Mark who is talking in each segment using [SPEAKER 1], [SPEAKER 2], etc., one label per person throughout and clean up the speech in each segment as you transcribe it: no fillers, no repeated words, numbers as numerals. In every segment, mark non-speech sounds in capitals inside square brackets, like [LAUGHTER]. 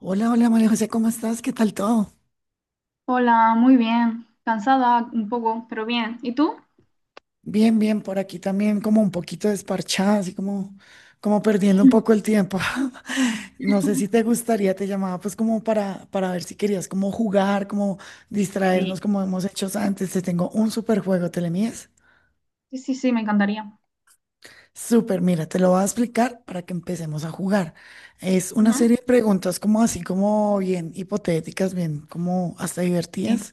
[SPEAKER 1] Hola, hola María José, ¿cómo estás? ¿Qué tal todo?
[SPEAKER 2] Hola, muy bien. Cansada un poco, pero bien. ¿Y tú?
[SPEAKER 1] Bien, bien, por aquí también como un poquito desparchada, así como, como perdiendo un poco
[SPEAKER 2] [CLEARS THROAT]
[SPEAKER 1] el tiempo. [LAUGHS] No sé si te gustaría, te llamaba pues como para ver si querías como jugar, como
[SPEAKER 2] sí,
[SPEAKER 1] distraernos como hemos hecho antes. Te tengo un super juego, ¿te le mides?
[SPEAKER 2] sí, sí, sí, me encantaría.
[SPEAKER 1] Súper, mira, te lo voy a explicar para que empecemos a jugar. Es una
[SPEAKER 2] Ujú,
[SPEAKER 1] serie de preguntas como así, como bien hipotéticas, bien como hasta
[SPEAKER 2] sí.
[SPEAKER 1] divertidas.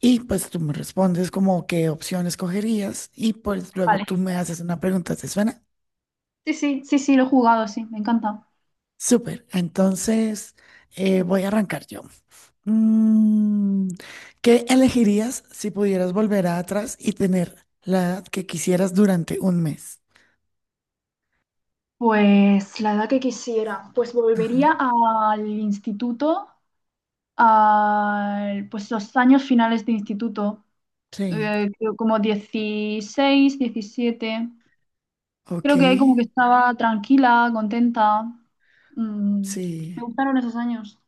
[SPEAKER 1] Y pues tú me respondes como qué opción escogerías y pues luego
[SPEAKER 2] Vale.
[SPEAKER 1] tú me haces una pregunta, ¿te suena?
[SPEAKER 2] Sí, sí, sí, sí, lo he jugado, sí, me encanta.
[SPEAKER 1] Súper, entonces voy a arrancar yo. Mm, ¿Qué elegirías si pudieras volver atrás y tener la edad que quisieras durante un mes?
[SPEAKER 2] Pues la edad que quisiera, pues
[SPEAKER 1] Ajá,
[SPEAKER 2] volvería al instituto, al, pues los años finales de instituto,
[SPEAKER 1] sí,
[SPEAKER 2] creo como 16, 17.
[SPEAKER 1] ok,
[SPEAKER 2] Creo que ahí como que estaba tranquila, contenta. Mm, me
[SPEAKER 1] sí,
[SPEAKER 2] gustaron esos años.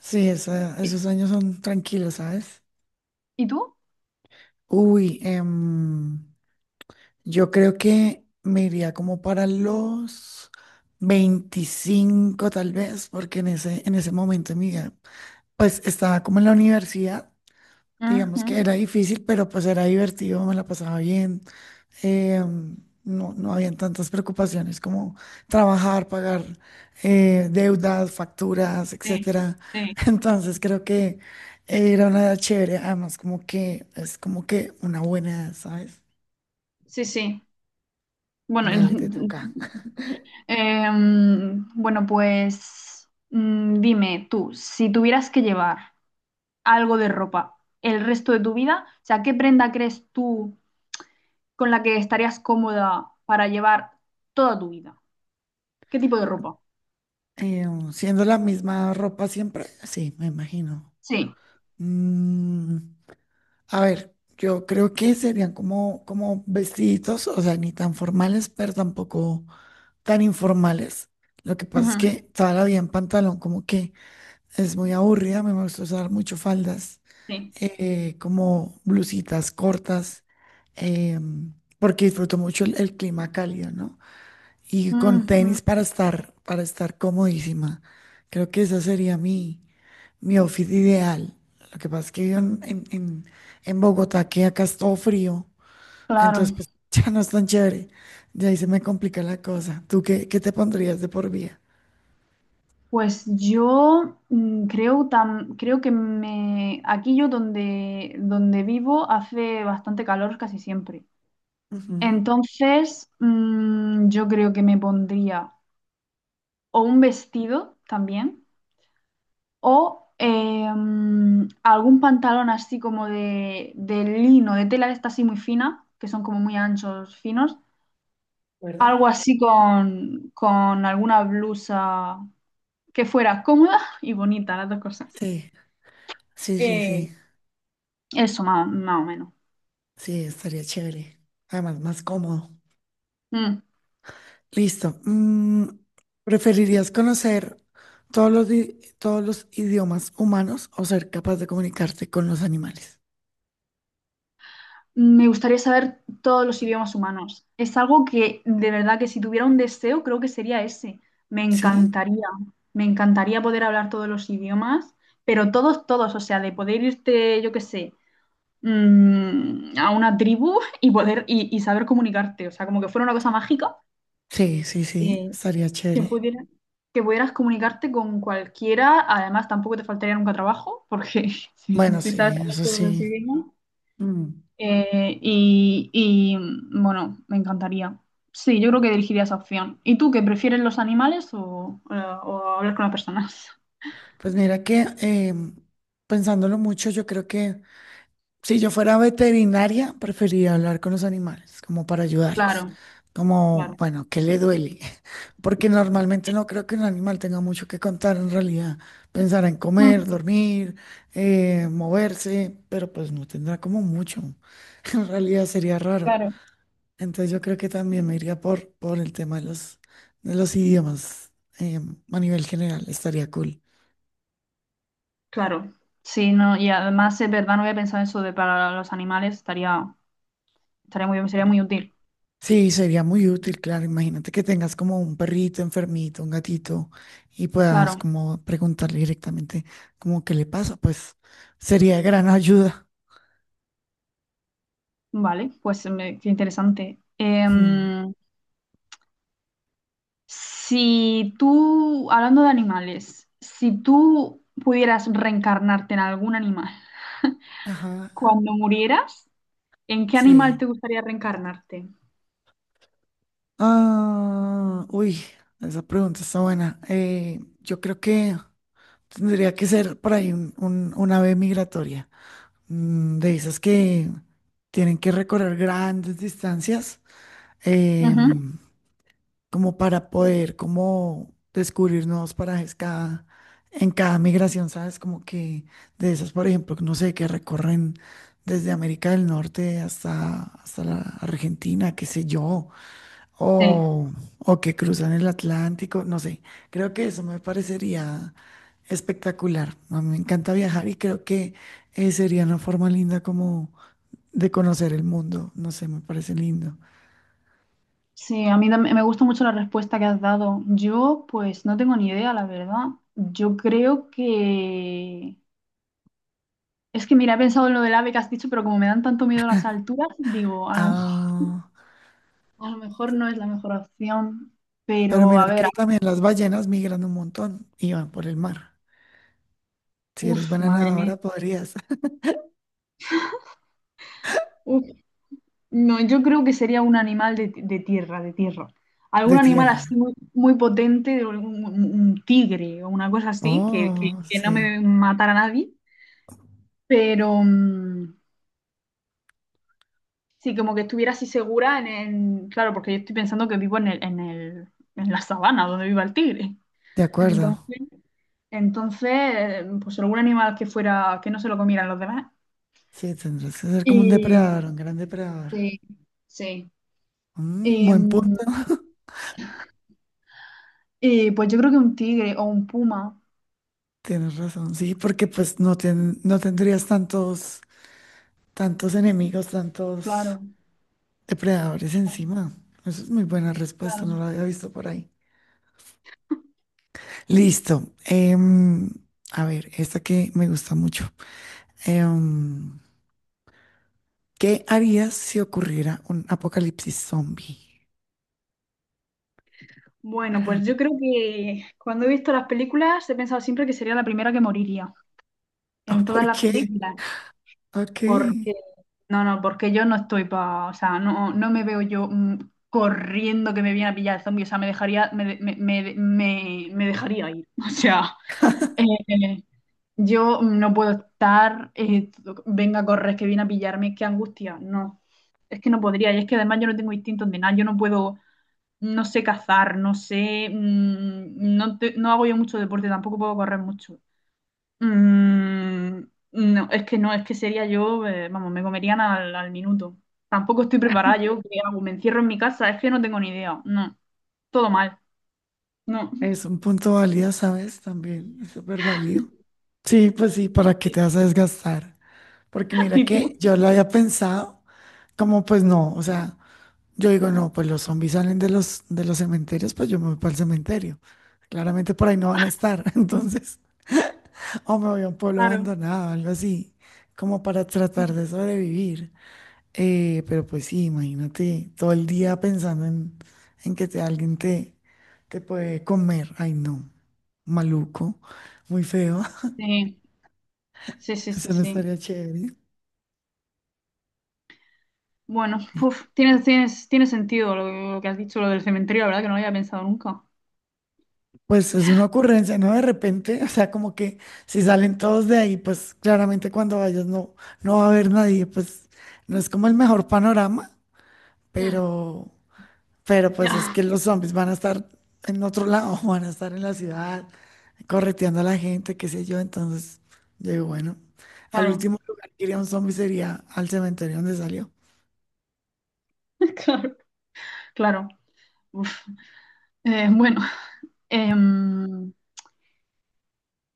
[SPEAKER 1] sí, esa-
[SPEAKER 2] ¿Y,
[SPEAKER 1] esos años son tranquilos, ¿sabes?
[SPEAKER 2] y tú?
[SPEAKER 1] Uy, yo creo que me iría como para los 25 tal vez, porque en ese momento de mi vida, pues estaba como en la universidad, digamos
[SPEAKER 2] Ujú.
[SPEAKER 1] que era difícil, pero pues era divertido, me la pasaba bien, eh, no habían tantas preocupaciones como trabajar, pagar deudas, facturas,
[SPEAKER 2] Sí,
[SPEAKER 1] etcétera.
[SPEAKER 2] sí,
[SPEAKER 1] [LAUGHS] Entonces creo que era una edad chévere, además como que es como que una buena edad, ¿sabes?
[SPEAKER 2] sí, sí. Bueno,
[SPEAKER 1] Dale, te toca.
[SPEAKER 2] en- [LAUGHS] bueno, pues dime tú, si tuvieras que llevar algo de ropa el resto de tu vida, o sea, ¿qué prenda crees tú con la que estarías cómoda para llevar toda tu vida? ¿Qué tipo de ropa?
[SPEAKER 1] Eh, siendo la misma ropa siempre, sí, me imagino.
[SPEAKER 2] Sí.
[SPEAKER 1] Mm, a ver, yo creo que serían como, como vestiditos, o sea, ni tan formales, pero tampoco tan informales. Lo que pasa es
[SPEAKER 2] Ujú,
[SPEAKER 1] que toda la vida en pantalón como que es muy aburrida, a mí me gusta usar mucho faldas,
[SPEAKER 2] sí.
[SPEAKER 1] como blusitas cortas, em, porque disfruto mucho el clima cálido, ¿no? Y con
[SPEAKER 2] Ujú,
[SPEAKER 1] tenis para estar comodísima. Creo que esa sería mi, mi outfit ideal. Lo que pasa es que vivo en Bogotá, que acá es todo frío,
[SPEAKER 2] claro.
[SPEAKER 1] entonces pues [LAUGHS] ya no es tan chévere. De ahí se me complica la cosa. ¿Tú qué, qué te pondrías de por vida?
[SPEAKER 2] Pues yo creo, tam- creo que me, aquí yo donde, donde vivo hace bastante calor casi siempre.
[SPEAKER 1] Ujú,
[SPEAKER 2] Entonces, yo creo que me pondría o un vestido también o algún pantalón así como de lino, de tela de esta así muy fina, que son como muy anchos, finos.
[SPEAKER 1] ¿verdad?
[SPEAKER 2] Algo así con alguna blusa que fuera cómoda y bonita, las dos cosas.
[SPEAKER 1] Sí, sí, sí,
[SPEAKER 2] Eh,
[SPEAKER 1] sí.
[SPEAKER 2] Eso, más, o más o menos.
[SPEAKER 1] Sí, estaría chévere. Además, más cómodo.
[SPEAKER 2] Mm.
[SPEAKER 1] Listo. ¿Preferirías conocer todos los, di- todos los idiomas humanos o ser capaz de comunicarte con los animales?
[SPEAKER 2] Me gustaría saber todos los idiomas humanos. Es algo que de verdad que si tuviera un deseo, creo que sería ese. Me
[SPEAKER 1] ¿Sí?
[SPEAKER 2] encantaría, me encantaría poder hablar todos los idiomas, pero todos, todos, o sea, de poder irte, yo qué sé, a una tribu y poder y saber comunicarte, o sea, como que fuera una cosa mágica,
[SPEAKER 1] Sí, sí, sí.
[SPEAKER 2] eh,
[SPEAKER 1] Estaría
[SPEAKER 2] que
[SPEAKER 1] chévere.
[SPEAKER 2] pudiera, que pudieras comunicarte con cualquiera. Además, tampoco te faltaría nunca trabajo, porque [LAUGHS] si,
[SPEAKER 1] Bueno,
[SPEAKER 2] si sabes
[SPEAKER 1] sí,
[SPEAKER 2] hablar
[SPEAKER 1] eso
[SPEAKER 2] todos los
[SPEAKER 1] sí.
[SPEAKER 2] idiomas.
[SPEAKER 1] Mm.
[SPEAKER 2] Bueno, me encantaría. Sí, yo creo que elegiría esa opción. ¿Y tú, qué prefieres los animales o hablar con las personas? [LAUGHS]
[SPEAKER 1] Pues mira que pensándolo mucho, yo creo que si yo fuera veterinaria, preferiría hablar con los animales, como para ayudarlos.
[SPEAKER 2] Claro,
[SPEAKER 1] Como,
[SPEAKER 2] claro.
[SPEAKER 1] bueno, ¿qué le duele? [LAUGHS] Porque normalmente no creo que un animal tenga mucho que contar en realidad. Pensará en comer,
[SPEAKER 2] Mm,
[SPEAKER 1] dormir, moverse, pero pues no tendrá como mucho. [LAUGHS] En realidad sería raro.
[SPEAKER 2] claro,
[SPEAKER 1] Entonces yo creo que también me iría por el tema de los idiomas, a nivel general. Estaría cool.
[SPEAKER 2] claro. Sí, no, y además es verdad, no había pensado eso de para los animales, estaría, estaría muy bien, sería muy útil.
[SPEAKER 1] Sí, sería muy útil, claro. Imagínate que tengas como un perrito enfermito, un gatito, y puedas
[SPEAKER 2] Claro,
[SPEAKER 1] como preguntarle directamente como qué le pasa, pues sería de gran ayuda.
[SPEAKER 2] vale, pues me- qué interesante.
[SPEAKER 1] Mm,
[SPEAKER 2] Si tú, hablando de animales, si tú pudieras reencarnarte en algún animal,
[SPEAKER 1] ajá,
[SPEAKER 2] cuando murieras, ¿en qué animal
[SPEAKER 1] sí.
[SPEAKER 2] te gustaría reencarnarte?
[SPEAKER 1] Ah, uy, esa pregunta está buena. Yo creo que tendría que ser por ahí un- una ave migratoria, de esas que tienen que recorrer grandes distancias.
[SPEAKER 2] Ujú.
[SPEAKER 1] em, como para poder como descubrir nuevos parajes cada, en cada migración, ¿sabes? Como que de esas, por ejemplo, que no sé, que recorren desde América del Norte hasta, hasta la Argentina, qué sé yo,
[SPEAKER 2] Sí,
[SPEAKER 1] o, o que cruzan el Atlántico, no sé, creo que eso me parecería espectacular. A mí me encanta viajar y creo que sería una forma linda como de conocer el mundo, no sé, me parece lindo.
[SPEAKER 2] sí, a mí tam- me gusta mucho la respuesta que has dado. Yo, pues, no tengo ni idea, la verdad. Yo creo que... Es que, mira, he pensado en lo del ave que has dicho, pero como me dan tanto miedo las alturas, digo,
[SPEAKER 1] Ah.
[SPEAKER 2] a lo mejor no es la mejor opción.
[SPEAKER 1] Pero
[SPEAKER 2] Pero,
[SPEAKER 1] mira
[SPEAKER 2] a ver,
[SPEAKER 1] que también las ballenas migran un montón y van por el mar. Si eres
[SPEAKER 2] uff,
[SPEAKER 1] buena
[SPEAKER 2] madre mía.
[SPEAKER 1] nadadora, podrías. [LAUGHS]
[SPEAKER 2] No, yo creo que sería un animal de tierra, de tierra.
[SPEAKER 1] De
[SPEAKER 2] Algún animal
[SPEAKER 1] tierra.
[SPEAKER 2] así muy, muy potente, de algún- un tigre o una cosa así,
[SPEAKER 1] Oh,
[SPEAKER 2] que no
[SPEAKER 1] sí.
[SPEAKER 2] me matara a nadie. Pero sí, como que estuviera así segura en- Claro, porque yo estoy pensando que vivo en el, en el- en la sabana donde viva el tigre.
[SPEAKER 1] De acuerdo.
[SPEAKER 2] Entonces, entonces, pues algún animal que fuera, que no se lo comieran los demás.
[SPEAKER 1] Sí, tendrás que ser como un depredador,
[SPEAKER 2] Y
[SPEAKER 1] un gran depredador.
[SPEAKER 2] sí, sí.
[SPEAKER 1] Mm,
[SPEAKER 2] Y,
[SPEAKER 1] buen
[SPEAKER 2] mm,
[SPEAKER 1] punto. [LAUGHS]
[SPEAKER 2] pues yo creo que un tigre o un puma,
[SPEAKER 1] Tienes razón, sí, porque pues no, ten- no tendrías tantos, tantos enemigos, tantos
[SPEAKER 2] claro.
[SPEAKER 1] depredadores encima. Eso es muy buena respuesta, no
[SPEAKER 2] Claro.
[SPEAKER 1] la había visto por ahí. Listo. Em, a ver, esta que me gusta mucho. Em, ¿Qué harías si ocurriera un apocalipsis zombie? [LAUGHS]
[SPEAKER 2] Bueno, pues yo creo que cuando he visto las películas he pensado siempre que sería la primera que moriría
[SPEAKER 1] Ah,
[SPEAKER 2] en todas
[SPEAKER 1] ¿por
[SPEAKER 2] las
[SPEAKER 1] qué?
[SPEAKER 2] películas,
[SPEAKER 1] Ok,
[SPEAKER 2] porque no, no, porque yo no estoy para, o sea, no, no me veo yo corriendo que me viene a pillar el zombie, o sea, me dejaría, me, de- me- me dejaría ir, [LAUGHS] o sea, eh, yo no puedo estar, venga, corres que viene a pillarme, qué angustia, no, es que no podría, y es que además yo no tengo instintos de nada, yo no puedo no sé cazar, no sé, no, te- no hago yo mucho deporte, tampoco puedo correr mucho. Mm, no, es que no, es que sería yo, vamos, me comerían al, al minuto. Tampoco estoy preparada yo, ¿qué hago? ¿Me encierro en mi casa? Es que no tengo ni idea, no, todo mal, no.
[SPEAKER 1] es un punto válido, ¿sabes? También es súper válido. Sí, pues sí, ¿para qué te vas
[SPEAKER 2] [LAUGHS]
[SPEAKER 1] a desgastar? Porque mira
[SPEAKER 2] ¿Y
[SPEAKER 1] que
[SPEAKER 2] tú?
[SPEAKER 1] yo lo había pensado, como pues no, o sea, yo digo, no, pues los zombies salen de los cementerios, pues yo me voy para el cementerio. Claramente por ahí no van a estar, [LAUGHS] entonces, o me voy a un pueblo
[SPEAKER 2] Claro.
[SPEAKER 1] abandonado, algo así, como para tratar de sobrevivir. Pero pues sí, imagínate todo el día pensando en que te, alguien te, te puede comer. Ay, no, maluco, muy feo.
[SPEAKER 2] Sí, sí,
[SPEAKER 1] [LAUGHS]
[SPEAKER 2] sí, sí,
[SPEAKER 1] Eso no
[SPEAKER 2] sí.
[SPEAKER 1] estaría chévere.
[SPEAKER 2] Bueno,
[SPEAKER 1] Y,
[SPEAKER 2] uf, tienes, tienes, tiene sentido lo que has dicho, lo del cementerio, la verdad que no lo había pensado nunca.
[SPEAKER 1] pues es una ocurrencia, ¿no? De repente, o sea, como que si salen todos de ahí, pues claramente cuando vayas no, no va a haber nadie, pues no es como el mejor panorama,
[SPEAKER 2] Mm,
[SPEAKER 1] pero Pero pues es
[SPEAKER 2] ya.
[SPEAKER 1] que los zombies van a estar en otro lado, [LAUGHS] van a estar en la ciudad, correteando a la gente, qué sé yo. Entonces, yo digo, bueno,
[SPEAKER 2] [LAUGHS]
[SPEAKER 1] al
[SPEAKER 2] Claro,
[SPEAKER 1] último lugar que iría un zombie sería al cementerio donde salió.
[SPEAKER 2] [LAUGHS] claro. Claro. Uf. Bueno, em,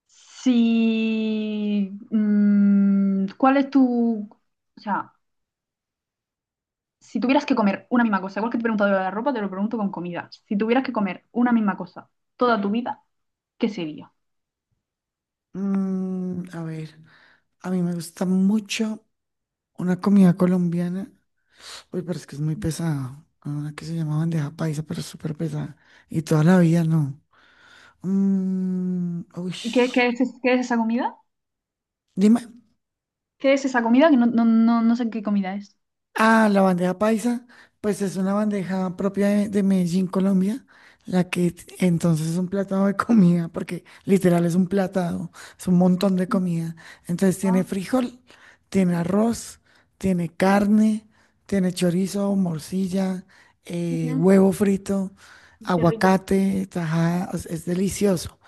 [SPEAKER 2] si, ¿cuál es tu, o sea, si tuvieras que comer una misma cosa, igual que te he preguntado lo de la ropa, te lo pregunto con comida. Si tuvieras que comer una misma cosa toda tu vida, ¿qué sería?
[SPEAKER 1] A ver, a mí me gusta mucho una comida colombiana. Uy, pero es que es muy pesada. Una que se llama bandeja paisa, pero es súper pesada. Y toda la vida no. Mm, uy,
[SPEAKER 2] ¿Y qué, qué es esa comida?
[SPEAKER 1] dime.
[SPEAKER 2] ¿Qué es esa comida? Que no, no, no, no sé qué comida es.
[SPEAKER 1] Ah, la bandeja paisa, pues es una bandeja propia de Medellín, Colombia, la que t- entonces es un platado de [LAUGHS] comida, porque literal es un platado, es un montón de
[SPEAKER 2] Mm,
[SPEAKER 1] comida. Entonces tiene
[SPEAKER 2] ah,
[SPEAKER 1] frijol, tiene arroz, tiene carne, tiene chorizo, morcilla,
[SPEAKER 2] ujú,
[SPEAKER 1] huevo frito,
[SPEAKER 2] qué rico.
[SPEAKER 1] aguacate, tajada, o sea, es delicioso.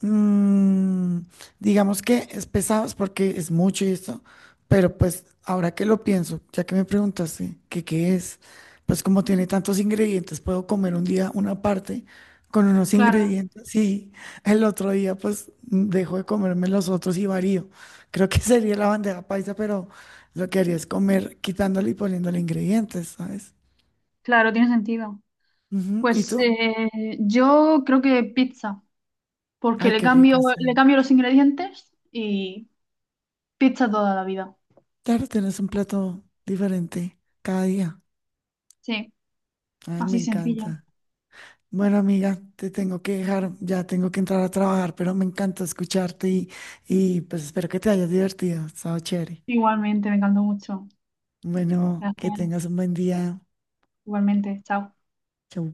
[SPEAKER 1] Mm, digamos que es pesado es porque es mucho y esto, pero pues ahora que lo pienso, ya que me preguntaste que qué es, pues como tiene tantos ingredientes, puedo comer un día una parte con unos
[SPEAKER 2] Claro,
[SPEAKER 1] ingredientes y el otro día pues dejo de comerme los otros y varío. Creo que [LAUGHS] sería la bandeja paisa, pero lo que haría es comer quitándole y poniéndole ingredientes, ¿sabes?
[SPEAKER 2] claro, tiene sentido.
[SPEAKER 1] Ujú. ¿Y
[SPEAKER 2] Pues
[SPEAKER 1] tú?
[SPEAKER 2] yo creo que pizza. Porque
[SPEAKER 1] Ay, qué rico,
[SPEAKER 2] le
[SPEAKER 1] sí.
[SPEAKER 2] cambio los ingredientes y pizza toda la vida.
[SPEAKER 1] Claro, tienes un plato diferente cada día.
[SPEAKER 2] Sí,
[SPEAKER 1] Ay, me
[SPEAKER 2] así sencillo.
[SPEAKER 1] encanta. Bueno, amiga, te tengo que dejar, ya tengo que entrar a trabajar, pero me encanta escucharte y pues espero que te hayas divertido, ha estado chévere.
[SPEAKER 2] Igualmente, me encantó mucho.
[SPEAKER 1] Bueno, que
[SPEAKER 2] Gracias.
[SPEAKER 1] tengas un buen día.
[SPEAKER 2] Igualmente, chao.
[SPEAKER 1] Chau.